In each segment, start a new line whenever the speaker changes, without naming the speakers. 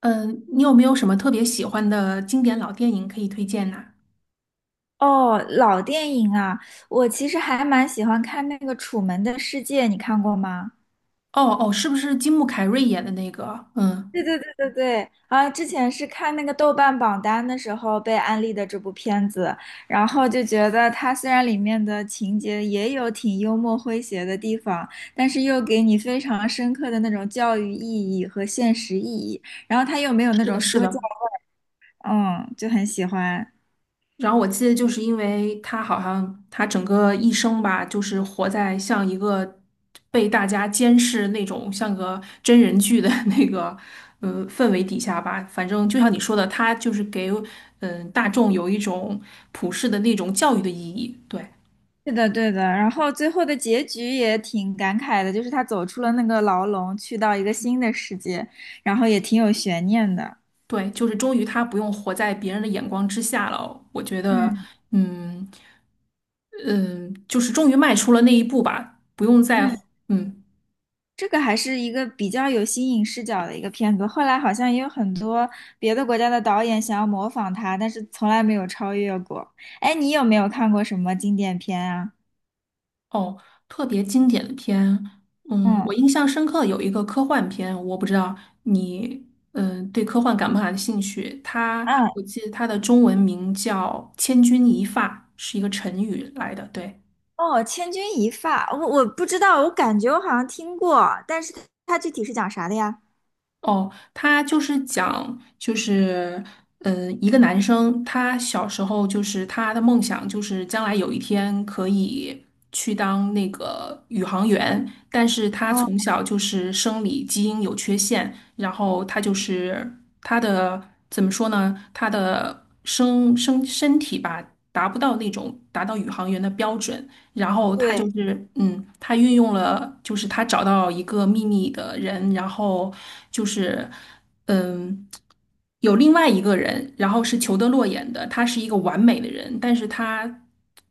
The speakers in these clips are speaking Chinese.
嗯，你有没有什么特别喜欢的经典老电影可以推荐呐？
哦，老电影啊，我其实还蛮喜欢看那个《楚门的世界》，你看过吗？
哦哦，是不是金木凯瑞演的那个？嗯，
对对对对对，啊，之前是看那个豆瓣榜单的时候被安利的这部片子，然后就觉得它虽然里面的情节也有挺幽默诙谐的地方，但是又给你非常深刻的那种教育意义和现实意义，然后它又没有那
是
种
的，是
说教，
的。
嗯，就很喜欢。
然后我记得，就是因为他好像他整个一生吧，就是活在像一个被大家监视那种像个真人剧的 那个氛围底下吧。反正就像你说的，他就是给大众有一种普世的那种教育的意义。对。
是的，对的。然后最后的结局也挺感慨的，就是他走出了那个牢笼，去到一个新的世界，然后也挺有悬念的。
对，就是终于他不用活在别人的眼光之下了。我觉得，
嗯
嗯嗯，就是终于迈出了那一步吧，不用再
嗯，
嗯。
这个还是一个比较有新颖视角的一个片子。后来好像也有很多别的国家的导演想要模仿他，但是从来没有超越过。哎，你有没有看过什么经典片啊？
哦，特别经典的片，嗯，我
嗯。
印象深刻有一个科幻片，我不知道你嗯对科幻感不感兴趣？它
嗯。
我记得它的中文名叫《千钧一发》，是一个成语来的，对。
哦，《千钧一发》，我不知道，我感觉我好像听过，但是它具体是讲啥的呀？
哦，他就是讲，就是，嗯，一个男生，他小时候就是他的梦想就是将来有一天可以去当那个宇航员，但是他
嗯，
从小就是生理基因有缺陷，然后他就是他的怎么说呢？他的生身体吧，达不到那种达到宇航员的标准，然后他就
对。
是，嗯，他运用了，就是他找到一个秘密的人，然后就是，嗯，有另外一个人，然后是裘德洛演的，他是一个完美的人，但是他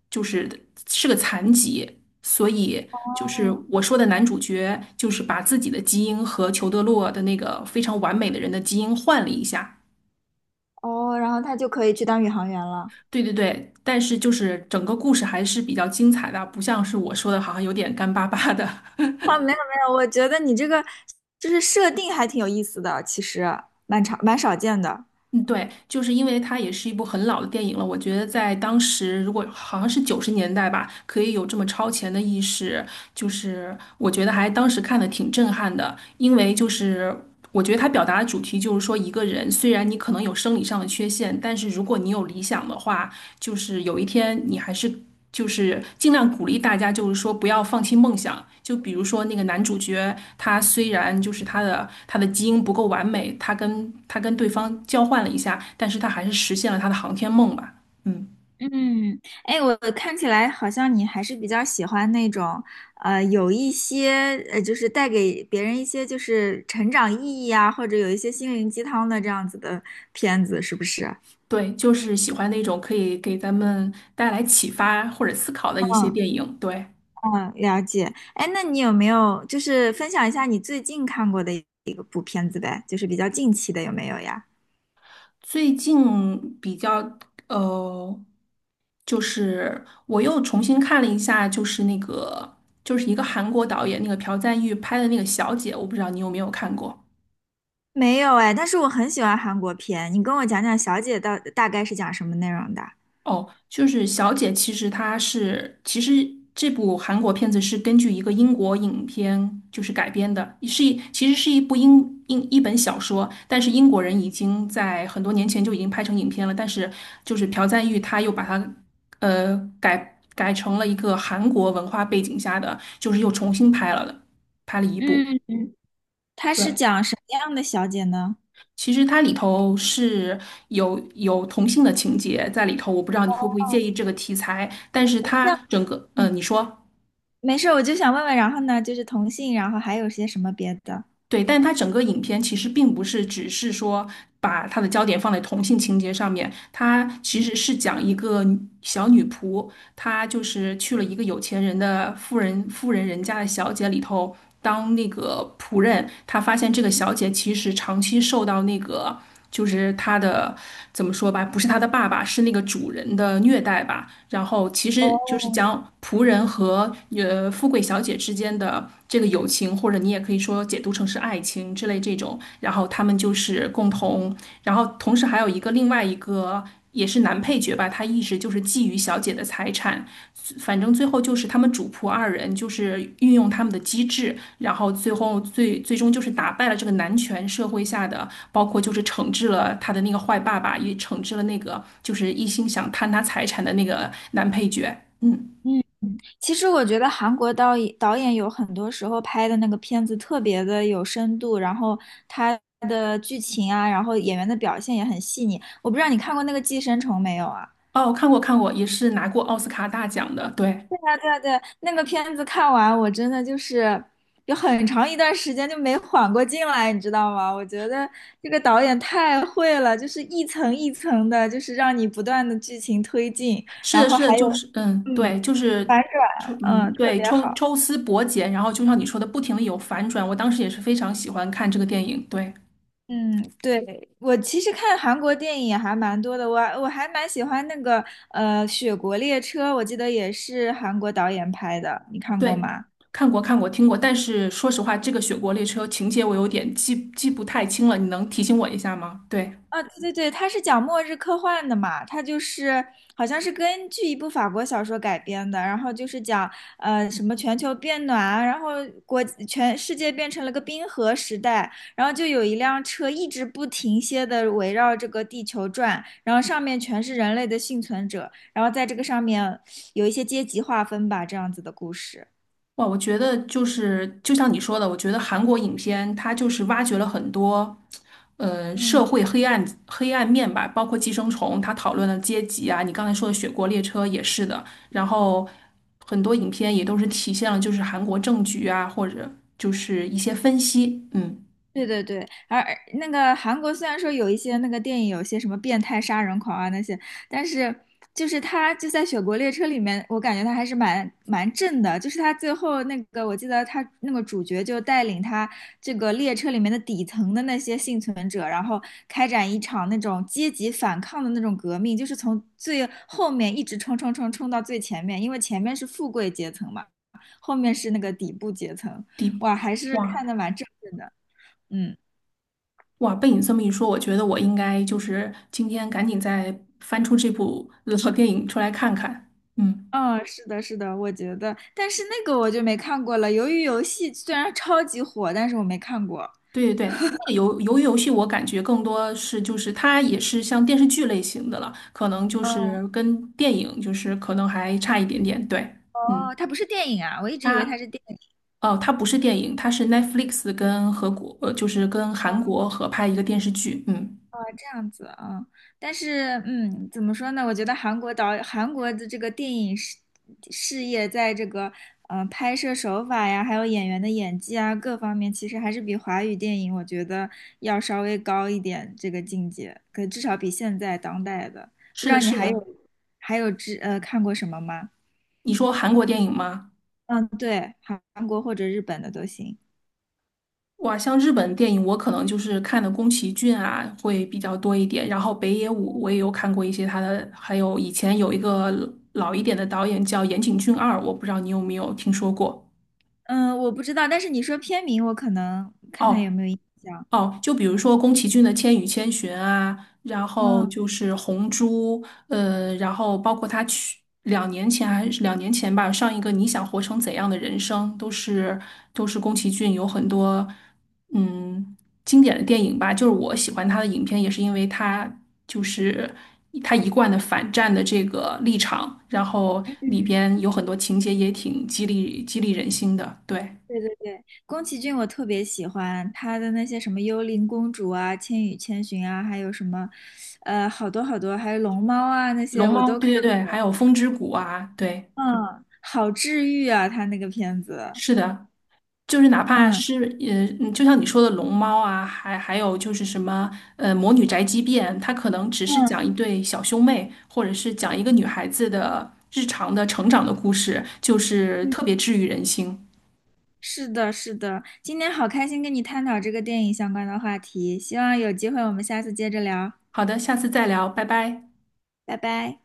就是是个残疾，所以就是
嗯。
我说的男主角，就是把自己的基因和裘德洛的那个非常完美的人的基因换了一下。
哦，然后他就可以去当宇航员了。
对对对，但是就是整个故事还是比较精彩的，不像是我说的，好像有点干巴巴的。
啊，没有没有，我觉得你这个就是设定还挺有意思的，其实蛮少见的。
嗯，对，就是因为它也是一部很老的电影了，我觉得在当时，如果好像是90年代吧，可以有这么超前的意识，就是我觉得还当时看的挺震撼的，因为就是我觉得他表达的主题就是说，一个人虽然你可能有生理上的缺陷，但是如果你有理想的话，就是有一天你还是。就是尽量鼓励大家，就是说不要放弃梦想。就比如说那个男主角，他虽然就是他的基因不够完美，他跟对方交换了一下，但是他还是实现了他的航天梦吧。嗯。
嗯，哎，我看起来好像你还是比较喜欢那种，有一些就是带给别人一些就是成长意义啊，或者有一些心灵鸡汤的这样子的片子，是不是？
对，就是喜欢那种可以给咱们带来启发或者思考的一些
嗯。
电影。对，
嗯，了解。哎，那你有没有就是分享一下你最近看过的一个部片子呗？就是比较近期的有没有呀？
最近比较呃，就是我又重新看了一下，就是那个就是一个韩国导演那个朴赞郁拍的那个《小姐》，我不知道你有没有看过。
没有哎，但是我很喜欢韩国片，你跟我讲讲《小姐》到大概是讲什么内容的？
哦，就是《小姐》，其实她是，其实这部韩国片子是根据一个英国影片就是改编的，是一其实是一部英一本小说，但是英国人已经在很多年前就已经拍成影片了，但是就是朴赞玉他又把它改成了一个韩国文化背景下的，就是又重新拍了的，拍了一部。
嗯，它是
对。
讲什么样的小姐呢？
其实它里头是有同性的情节在里头，我不知道你会不会介意这个题材，但是它
像。
整个，呃，
嗯。
你说
没事，我就想问问，然后呢，就是同性，然后还有些什么别的？
对，但它整个影片其实并不是只是说把它的焦点放在同性情节上面，它其
嗯。
实是讲一个小女仆，他就是去了一个有钱人的富人人家的小姐里头当那个仆人，他发现这个小姐其实长期受到那个就是她的怎么说吧，不是她的爸爸，是那个主人的虐待吧。然后其实就是
哦。
将仆人和富贵小姐之间的这个友情，或者你也可以说解读成是爱情之类这种。然后他们就是共同，然后同时还有一个另外一个也是男配角吧，他一直就是觊觎小姐的财产，反正最后就是他们主仆二人就是运用他们的机智，然后最后最终就是打败了这个男权社会下的，包括就是惩治了他的那个坏爸爸，也惩治了那个就是一心想贪他财产的那个男配角。嗯，
嗯。其实我觉得韩国导演有很多时候拍的那个片子特别的有深度，然后他的剧情啊，然后演员的表现也很细腻。我不知道你看过那个《寄生虫》没有啊？
哦，看过看过，也是拿过奥斯卡大奖的，对。
对，那个片子看完，我真的就是有很长一段时间就没缓过劲来，你知道吗？我觉得这个导演太会了，就是一层一层的，就是让你不断的剧情推进，
是
然
的，
后
是的，
还
就
有，
是嗯，
嗯。
对，就是
嗯，
嗯，
特
对，
别
抽
好。
抽丝剥茧，然后就像你说的，不停的有反转。我当时也是非常喜欢看这个电影，对
嗯，对，我其实看韩国电影也还蛮多的，我还蛮喜欢那个《雪国列车》，我记得也是韩国导演拍的，你看过
对，
吗？
看过看过听过，但是说实话，这个《雪国列车》情节我有点记不太清了，你能提醒我一下吗？对。
啊，对对对，它是讲末日科幻的嘛，它就是好像是根据一部法国小说改编的，然后就是讲什么全球变暖啊，然后国全世界变成了个冰河时代，然后就有一辆车一直不停歇的围绕这个地球转，然后上面全是人类的幸存者，然后在这个上面有一些阶级划分吧，这样子的故事。
哇，我觉得就是就像你说的，我觉得韩国影片它就是挖掘了很多，呃，
嗯，
社会黑暗面吧，包括《寄生虫》，它讨论了阶级啊，你刚才说的《雪国列车》也是的，然后很多影片也都是体现了就是韩国政局啊，或者就是一些分析，嗯，
对对对，而那个韩国虽然说有一些那个电影，有些什么变态杀人狂啊那些，但是就是他就在《雪国列车》里面，我感觉他还是蛮正的。就是他最后那个，我记得他那个主角就带领他这个列车里面的底层的那些幸存者，然后开展一场那种阶级反抗的那种革命，就是从最后面一直冲到最前面，因为前面是富贵阶层嘛，后面是那个底部阶层。
第
哇，还是
哇
看的蛮正面的。嗯。
哇，被你这么一说，我觉得我应该就是今天赶紧再翻出这部 老电影出来看看，嗯。
嗯，是的，是的，我觉得，但是那个我就没看过了。鱿鱼游戏虽然超级火，但是我没看过。
对对对，那个鱿鱼游戏我感觉更多是就是它也是像电视剧类型的了，可能就
嗯，
是跟电影就是可能还差一点点。对，嗯，
哦，它不是电影啊，我一直以为它
它
是电。
哦，它不是电影，它是 Netflix 跟和国呃就是跟韩国合拍一个电视剧。嗯，
这样子啊，但是嗯，怎么说呢？我觉得韩国的这个电影事业，在这个拍摄手法呀，还有演员的演技啊各方面，其实还是比华语电影我觉得要稍微高一点这个境界，可至少比现在当代的。不
是
知
的，
道你
是
还
的。
有还有看过什么吗？
你说韩国电影吗？
嗯，对，韩国或者日本的都行。
哇，像日本电影，我可能就是看的宫崎骏啊会比较多一点，然后北野武我也有看过一些他的，还有以前有一个老一点的导演叫岩井俊二，我不知道你有没有听说过？
嗯，我不知道，但是你说片名，我可能看看
哦，
有没有印象。
哦，就比如说宫崎骏的《千与千寻》啊，然后
嗯。
就是《红猪》，呃，然后包括他去两年前吧，上一个《你想活成怎样的人生》，都是都是宫崎骏有很多嗯经典的电影吧。就是我喜欢他的影片，也是因为他就是他一贯的反战的这个立场，然后里边有很多情节也挺激励人心的。对，
对对对，宫崎骏我特别喜欢他的那些什么《幽灵公主》啊，《千与千寻》啊，还有什么，呃，好多好多，还有《龙猫》啊，那些
《龙
我
猫》，
都看
对对对，还
过。
有《风之谷》啊，对。
嗯，好治愈啊，他那个片子。
是的，就是哪怕
嗯。
是嗯就像你说的龙猫啊，还有就是什么魔女宅急便，它可能只是讲
嗯。
一对小兄妹，或者是讲一个女孩子的日常的成长的故事，就是
嗯，
特别治愈人心。
是的，是的。今天好开心跟你探讨这个电影相关的话题，希望有机会我们下次接着聊，
好的，下次再聊，拜拜。
拜拜。